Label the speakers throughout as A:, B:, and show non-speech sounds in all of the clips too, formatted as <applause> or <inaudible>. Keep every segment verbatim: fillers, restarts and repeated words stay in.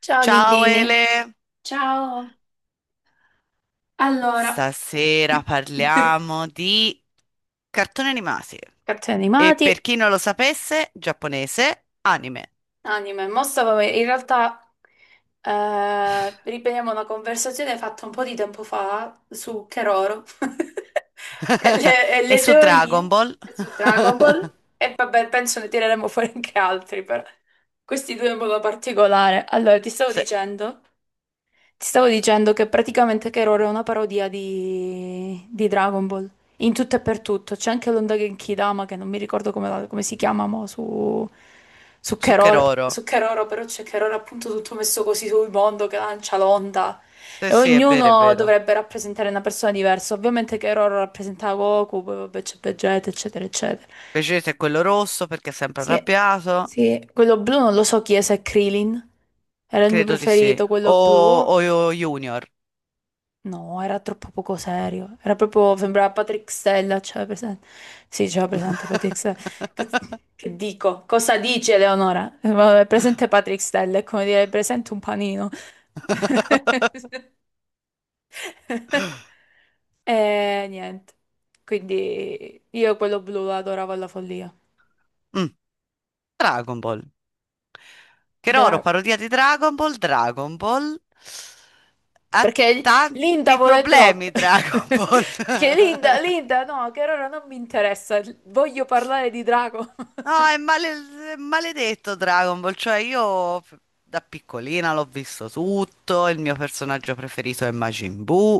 A: Ciao
B: Ciao
A: Lindini.
B: Ele,
A: Ciao. Allora,
B: stasera
A: <laughs>
B: parliamo di cartoni animati
A: cartoni
B: e
A: animati,
B: per chi non lo sapesse, giapponese, anime.
A: anime. Mo stavo- in realtà eh, riprendiamo una conversazione fatta un po' di tempo fa su Keroro <laughs> e le, e
B: <laughs> E
A: le
B: su Dragon
A: teorie
B: Ball.
A: su Dragon Ball.
B: <laughs>
A: E vabbè, penso ne tireremo fuori anche altri, però questi due in modo particolare. Allora, ti stavo
B: Sì,
A: dicendo. Ti stavo dicendo che praticamente Keroro è una parodia di, di Dragon Ball, in tutto e per tutto. C'è anche l'onda Genkidama, che non mi ricordo come, la- come si chiama mo, su, su
B: su
A: Keroro,
B: Keroro.
A: su Keroro, però c'è Keroro appunto tutto messo così sul mondo che lancia l'onda.
B: Sì,
A: E
B: sì, è vero, è
A: ognuno
B: vero.
A: dovrebbe rappresentare una persona diversa. Ovviamente Keroro rappresenta Goku, poi vabbè c'è Vegeta, eccetera, eccetera.
B: Vegeta è quello rosso perché è sempre
A: Sì,
B: arrabbiato.
A: sì. Quello blu non lo so chi è, se è Krillin. Era il mio
B: Credo di sì.
A: preferito,
B: O,
A: quello
B: o
A: blu.
B: o Junior.
A: No, era troppo poco serio. Era proprio, sembrava Patrick Stella, c'era presente. Sì, c'era presente Patrick Stella. Cazz-
B: <laughs>
A: Che dico? Cosa dice Eleonora? Eh, vabbè, presente Patrick Stella, è come dire presente un panino. <laughs> E niente. Quindi io quello blu lo adoravo alla follia.
B: Mm, Dragon Ball. Keroro,
A: Dra-
B: parodia di Dragon Ball, Dragon Ball ha
A: Perché Linda
B: tanti
A: vuole troppo.
B: problemi Dragon
A: <laughs>
B: Ball.
A: Che Linda,
B: <laughs>
A: Linda, no, che ora non mi interessa. Voglio parlare di Drago.
B: No, è, male- è maledetto Dragon Ball, cioè io f- da piccolina l'ho visto tutto, il mio personaggio preferito è Majin Buu.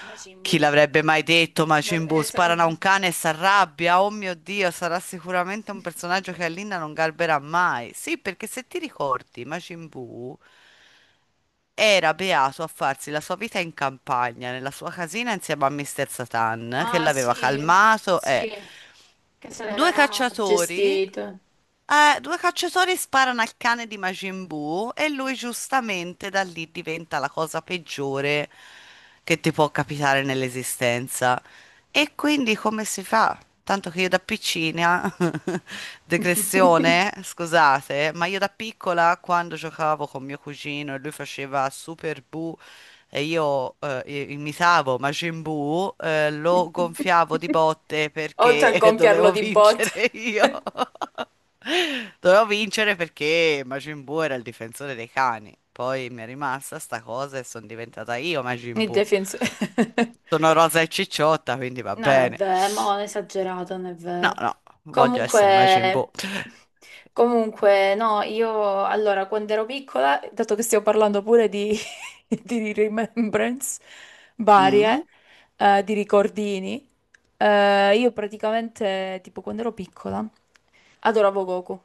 A: <laughs> Majin
B: Chi
A: Buu.
B: l'avrebbe mai detto
A: Da-
B: Majin Buu?
A: eh,
B: Sparano a
A: se-
B: un cane e si arrabbia, oh mio Dio, sarà sicuramente un personaggio che Alinna non garberà mai. Sì, perché se ti ricordi Majin Buu era beato a farsi la sua vita in campagna, nella sua casina insieme a Mister Satan, che
A: Ah, sì,
B: l'aveva calmato
A: sì,
B: e
A: che se
B: due
A: l'era
B: cacciatori.
A: gestito.
B: Eh, due cacciatori sparano al cane di Majin Buu e lui giustamente da lì diventa la cosa peggiore che ti può capitare nell'esistenza. E quindi come si fa? Tanto che io da piccina, <laughs> degressione,
A: <laughs>
B: scusate, ma io da piccola quando giocavo con mio cugino e lui faceva Super Buu e io eh, i- imitavo Majin Buu, eh, lo gonfiavo di botte
A: Oltre a
B: perché <laughs>
A: gonfiarlo
B: dovevo
A: di botte.
B: vincere io. Dovevo vincere perché Majin Buu era il difensore dei cani. Poi mi è rimasta sta cosa e sono diventata io Majin
A: Il
B: Buu.
A: difensore. <laughs>
B: Sono rosa e cicciotta, quindi va
A: No, è
B: bene.
A: vero, ma non è esagerato, non è
B: No,
A: vero.
B: no, voglio essere Majin
A: Comunque,
B: Buu.
A: comunque, no, io allora quando ero piccola, dato che stiamo parlando pure di, <laughs> di remembrance
B: Mm.
A: varie, eh, di ricordini, eh, io praticamente, tipo quando ero piccola, adoravo Goku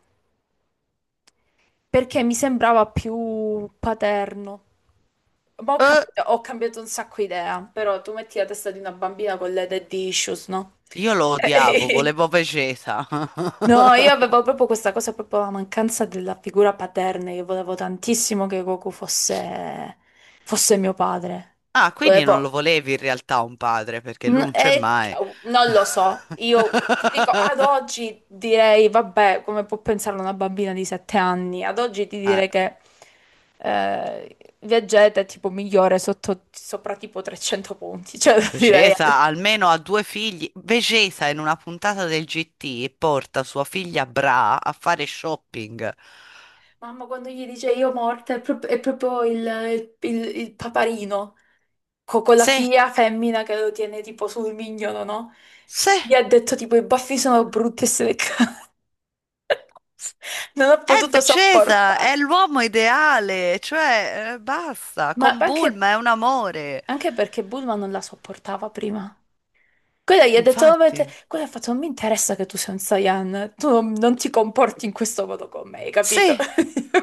A: perché mi sembrava più paterno. Ma ho
B: Eh,
A: cambiato, ho cambiato un sacco idea, però tu metti la testa di una bambina con le dead issues, no?
B: io lo odiavo,
A: <laughs>
B: volevo Vegeta. <laughs>
A: No, io avevo proprio questa cosa, proprio la mancanza della figura paterna. Io volevo tantissimo che Goku fosse, fosse mio padre.
B: Ah, quindi non
A: Volevo.
B: lo volevi in realtà un padre, perché lui
A: N-
B: non c'è
A: e-
B: mai.
A: Non lo so, io ti dico, ad
B: <laughs>
A: oggi direi, vabbè, come può pensare una bambina di sette anni? Ad oggi ti
B: Eh,
A: direi che eh, Vegeta è tipo migliore sotto, sopra tipo trecento punti, cioè <laughs> direi.
B: Vecesa almeno ha due figli. Vecesa in una puntata del gi ti porta sua figlia Bra a fare shopping.
A: Mamma, quando gli dice io morta, è prop- è proprio, il, il- il paparino, co- con la
B: Sì,
A: figlia femmina che lo tiene tipo sul mignolo, no?
B: sì,
A: Gli ha detto tipo i baffi sono brutti e se le ca-
B: s-
A: <laughs> Non ho
B: è
A: potuto
B: Vecesa,
A: sopportare.
B: è l'uomo ideale, cioè eh, basta,
A: Ma
B: con
A: anche,
B: Bulma è un amore.
A: anche perché Bulma non la sopportava prima. Quella gli ha detto, "No, ma te-
B: Infatti,
A: quella ha fatto, non mi interessa che tu sei un Saiyan, tu non, non ti comporti in questo modo con me, hai capito?
B: sì,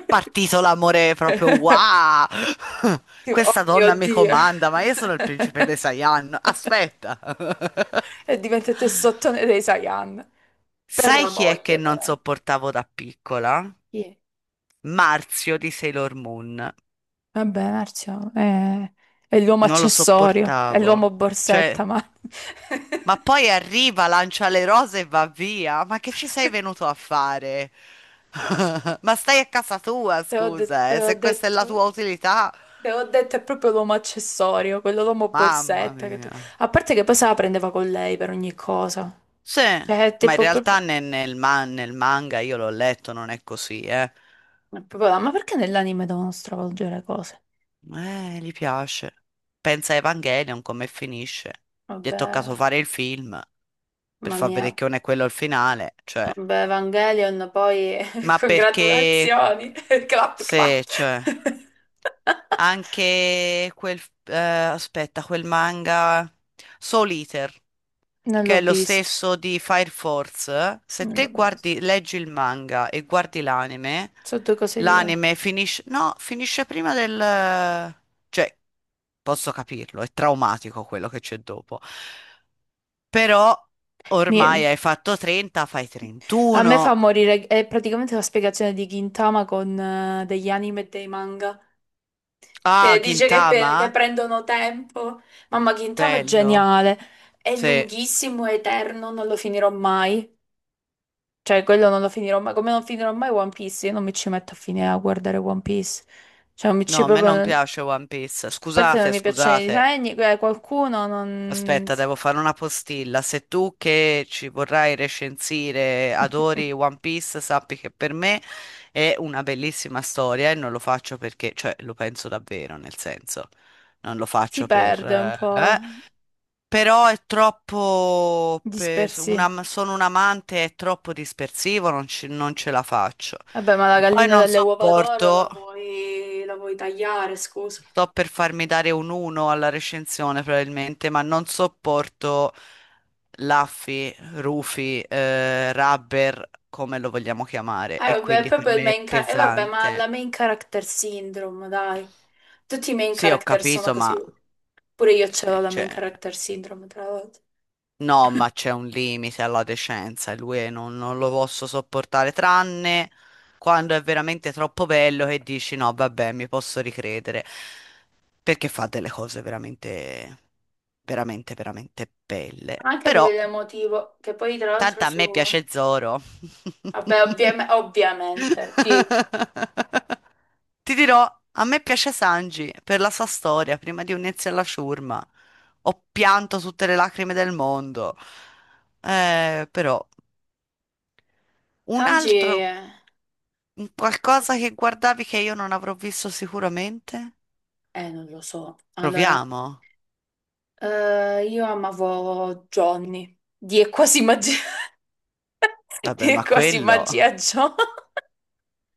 B: partito l'amore proprio
A: <laughs>
B: wow! <laughs>
A: Tipo, oh
B: Questa
A: mio
B: donna mi
A: Dio.
B: comanda, ma io sono il
A: <laughs>
B: principe dei Saiyan. Aspetta. <laughs>
A: E diventate sottone dei Saiyan. Per
B: Sai
A: la
B: chi è che
A: moglie,
B: non
A: però.
B: sopportavo da piccola?
A: Sì.
B: Marzio di Sailor Moon.
A: Vabbè, Marzio, è, è l'uomo
B: Non lo
A: accessorio, è
B: sopportavo.
A: l'uomo borsetta,
B: Cioè,
A: ma <laughs>
B: ma poi arriva, lancia le rose e va via. Ma che ci sei venuto a fare? <laughs> Ma stai a casa tua,
A: te ho de-
B: scusa,
A: te
B: eh,
A: ho
B: se questa è la tua
A: detto,
B: utilità,
A: te ho detto, è proprio l'uomo accessorio, quello l'uomo
B: mamma
A: borsetta. che tu-
B: mia.
A: A parte che poi se la prendeva con lei per ogni cosa.
B: Sì,
A: Cioè, è
B: ma in
A: tipo,
B: realtà
A: proprio-
B: ne- nel, ma- nel manga io l'ho letto, non è così, eh.
A: è proprio là, ma perché nell'anime devono stravolgere cose?
B: Eh, gli piace. Pensa a Evangelion come finisce. Gli è
A: Vabbè,
B: toccato fare il film per
A: mamma
B: far
A: mia,
B: vedere che non è quello il finale, cioè.
A: vabbè, Evangelion, poi <laughs>
B: Ma perché
A: congratulazioni, <laughs> clap
B: se,
A: clap.
B: cioè,
A: <laughs>
B: anche quel, eh, aspetta, quel manga Soul Eater,
A: Non
B: che
A: l'ho
B: è lo
A: visto,
B: stesso di Fire Force, se
A: non
B: te
A: l'ho visto.
B: guardi, leggi il manga e guardi l'anime,
A: Sono due cose diverse.
B: l'anime finisce, no, finisce prima del, cioè, posso capirlo, è traumatico quello che c'è dopo, però ormai
A: Mi-
B: hai fatto trenta, fai
A: A me fa
B: trentuno,
A: morire, è praticamente la spiegazione di Gintama con eh, degli anime e dei manga,
B: ah,
A: che dice che, pe- che
B: Gintama,
A: prendono tempo. Mamma, Gintama è
B: bello,
A: geniale, è
B: sì.
A: lunghissimo, è eterno, non lo finirò mai. Cioè, quello non lo finirò mai, come non finirò mai One Piece, io non mi ci metto a finire a guardare One Piece. Cioè, non mi
B: No,
A: ci
B: a me
A: proprio.
B: non piace One Piece.
A: Parte non
B: Scusate,
A: mi piacciono i
B: scusate.
A: disegni, eh, qualcuno non.
B: Aspetta,
A: <laughs>
B: devo fare una postilla. Se tu che ci vorrai recensire adori One Piece, sappi che per me è una bellissima storia e non lo faccio perché, cioè, lo penso davvero, nel senso, non lo
A: Si
B: faccio per...
A: perde un
B: eh,
A: po'
B: eh. Però è troppo... per-
A: dispersi.
B: una- sono un amante, è troppo dispersivo, non, ci- non ce la faccio.
A: Vabbè, ma la
B: E poi
A: gallina
B: non
A: delle uova d'oro
B: sopporto...
A: la puoi, la puoi tagliare, scusa.
B: Sto per farmi dare un uno alla recensione probabilmente, ma non sopporto Laffy, Rufy, eh, Rubber, come lo vogliamo chiamare,
A: Eh,
B: e
A: vabbè, è
B: quindi per
A: proprio il
B: me è
A: main character. Eh, vabbè, ma la
B: pesante.
A: main character syndrome, dai. Tutti i main
B: Sì, ho
A: character sono
B: capito, ma
A: così. Pure io ce
B: sì,
A: l'ho la main
B: cioè,
A: character syndrome, tra l'altro.
B: no, ma c'è un limite alla decenza e lui non, non lo posso sopportare, tranne quando è veramente troppo bello che dici no, vabbè, mi posso ricredere. Perché fa delle cose veramente, veramente, veramente belle.
A: Anche a
B: Però,
A: livello emotivo, che poi tra l'altro
B: tanto a
A: su.
B: me piace Zoro. <laughs>
A: Vabbè, ovviam- ovviamente, chi.
B: Ti dirò, a me piace Sanji per la sua storia, prima di unirsi alla ciurma. Ho pianto tutte le lacrime del mondo. Eh, però, un
A: Sanji.
B: altro, un qualcosa che guardavi che io non avrò visto sicuramente?
A: Eh, non lo so. Allora,
B: Proviamo.
A: eh, io amavo Johnny. Di è quasi magia. <laughs> Di
B: Vabbè,
A: è
B: ma
A: quasi
B: quello.
A: magia Johnny.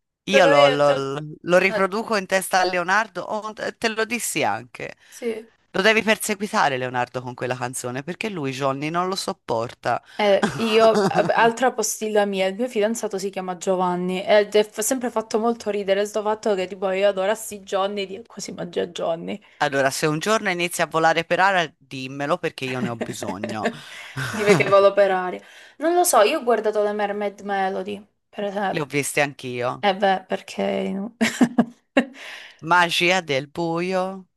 A: <laughs> Lo
B: Io lo,
A: conosci?
B: lo- lo
A: Eh,
B: riproduco in testa a Leonardo, oh, te te lo dissi anche.
A: Sì.
B: Lo devi perseguitare Leonardo con quella canzone perché lui Johnny non lo sopporta.
A: Eh,
B: <laughs>
A: io, eh, altra postilla mia, il mio fidanzato si chiama Giovanni ed è f- sempre fatto molto ridere sto fatto che tipo io adorassi Johnny, di è quasi magia Johnny.
B: Allora, se un giorno inizi a volare per aria, dimmelo perché io ne ho bisogno.
A: <laughs> Dime
B: <laughs>
A: che volo per aria. Non lo so, io ho guardato le Mermaid Melody, per
B: Le ho
A: esempio.
B: viste anch'io.
A: Eh beh, perché... no? <laughs>
B: Magia del buio.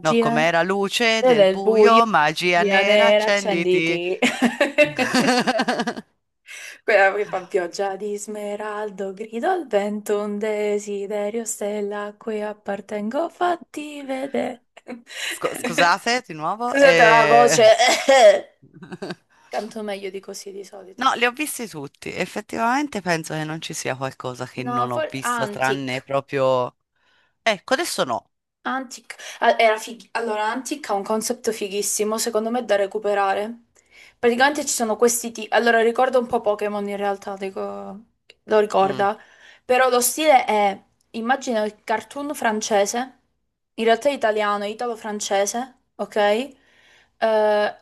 B: No, com'era luce
A: eh?
B: del
A: Del buio,
B: buio, magia
A: magia
B: nera,
A: nera,
B: accenditi.
A: accenditi. <laughs>
B: <laughs>
A: Quella che fa pioggia di smeraldo, grido al vento, un desiderio, stella a cui appartengo, fatti vedere. <laughs>
B: Scu- scusate di nuovo,
A: Scusate la
B: eh.
A: voce, <coughs>
B: <laughs>
A: canto meglio di così di solito.
B: No, li ho visti tutti. Effettivamente penso che non ci sia qualcosa che
A: No,
B: non ho
A: for- ah,
B: visto,
A: antic.
B: tranne proprio... Ecco, adesso no.
A: Antic, ah, era fig- allora, Antic ha un concept fighissimo, secondo me, da recuperare. Praticamente ci sono questi tipi. Allora, ricorda un po' Pokémon in realtà, dico- lo
B: Mm.
A: ricorda. Però lo stile è, immagina il cartoon francese, in realtà è italiano, è italo-francese, ok? Eh,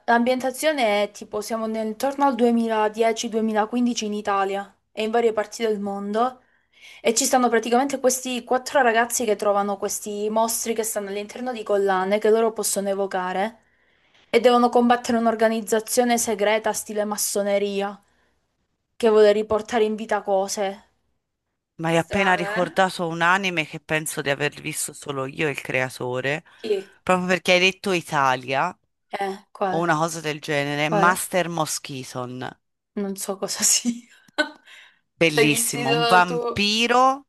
A: L'ambientazione è tipo, siamo nel- intorno al duemiladieci-duemilaquindici in Italia e in varie parti del mondo. E ci stanno praticamente questi quattro ragazzi che trovano questi mostri che stanno all'interno di collane che loro possono evocare e devono combattere un'organizzazione segreta stile massoneria che vuole riportare in vita cose
B: Mi hai appena
A: strane, eh?
B: ricordato un anime che penso di aver visto solo io, e il creatore,
A: Chi?
B: proprio perché hai detto Italia
A: Eh,
B: o
A: quale?
B: una cosa del genere,
A: Quale?
B: Master Moschiton.
A: Non so cosa sia. <laughs> L'hai
B: Bellissimo, un
A: vestito tu?
B: vampiro.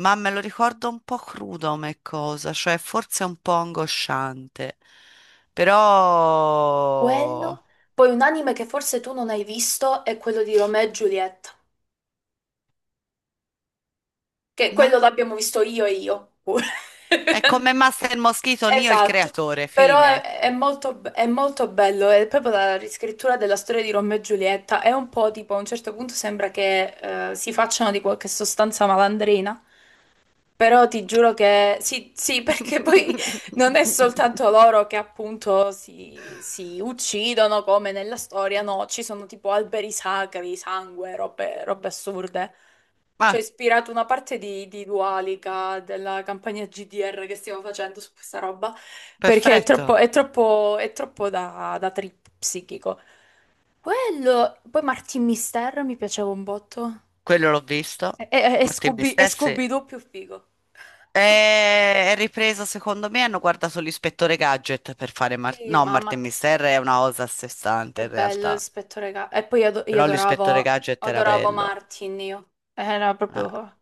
B: Ma me lo ricordo un po' crudo come cosa, cioè forse un po' angosciante, però
A: Quello? Poi un anime che forse tu non hai visto è quello di Romeo e Giulietta, che quello
B: no?
A: l'abbiamo visto io e io pure.
B: È
A: <laughs>
B: come Master Moschito, Neo il
A: Esatto,
B: creatore,
A: però
B: fine.
A: è, è molto, be- è molto bello, è proprio la riscrittura della storia di Romeo e Giulietta, è un po' tipo a un certo punto sembra che eh, si facciano di qualche sostanza malandrina, però ti giuro che sì, sì, <laughs> perché poi non è
B: <laughs>
A: soltanto loro che appunto si, si uccidono come nella storia, no, ci sono tipo alberi sacri, sangue, robe, robe assurde. Ci ha
B: Ah,
A: ispirato una parte di, di Dualica della campagna G D R che stiamo facendo su questa roba, perché è troppo,
B: perfetto.
A: è troppo, è troppo da, da trip psichico. Quello, poi Martin Mister mi piaceva un botto.
B: Quello l'ho visto.
A: E, e, e
B: Martin
A: Scooby, e
B: Mister, sì. E-
A: Scooby-Doo più figo.
B: è ripreso, secondo me, hanno guardato l'ispettore Gadget per fare... Mar-
A: Sì,
B: no,
A: mamma,
B: Martin
A: che
B: Mister è una cosa a sé stante
A: che
B: in
A: bello il
B: realtà,
A: spettro regà. E poi io, ado- io
B: però l'ispettore
A: adoravo,
B: Gadget era
A: adoravo
B: bello.
A: Martin, io. Era
B: Eh,
A: proprio.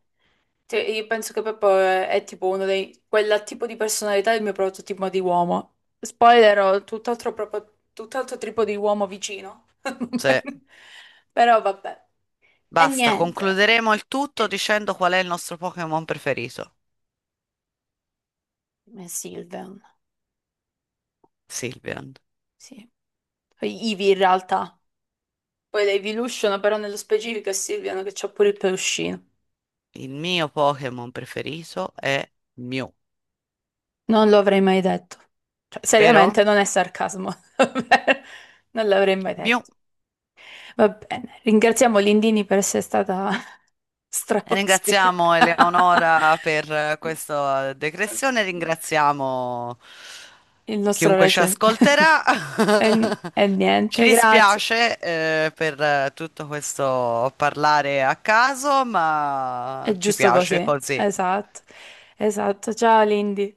A: Cioè, io penso che proprio è, è tipo uno dei. Quel tipo di personalità è il mio prototipo di uomo. Spoiler, ho tutt'altro proprio, tutt'altro tipo di uomo vicino. <laughs>
B: sì.
A: Però vabbè. E
B: Basta,
A: niente.
B: concluderemo il tutto
A: E-
B: dicendo qual è il nostro Pokémon preferito.
A: e Sylvian,
B: Sylveon.
A: sì. Poi Ivy in realtà. Poi la Evolution, però nello specifico è Sylvian che c'ha pure il peluscino.
B: Il mio Pokémon preferito è Mew,
A: Non lo avrei mai detto. Cioè, seriamente,
B: vero?
A: non è sarcasmo. <laughs> Non l'avrei mai
B: Mew.
A: detto. Va bene, ringraziamo Lindini per essere stata <laughs>
B: E
A: straospite.
B: ringraziamo
A: <laughs>
B: Eleonora per eh, questa decrezione, ringraziamo
A: Il nostro
B: chiunque ci
A: regge.
B: ascolterà.
A: <laughs> E,
B: <laughs>
A: e
B: Ci
A: niente, grazie.
B: dispiace, eh, per eh, tutto questo parlare a caso, ma
A: È
B: ci
A: giusto
B: piace
A: così.
B: così.
A: Esatto, esatto. Ciao Lindy.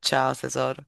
B: Ciao tesoro.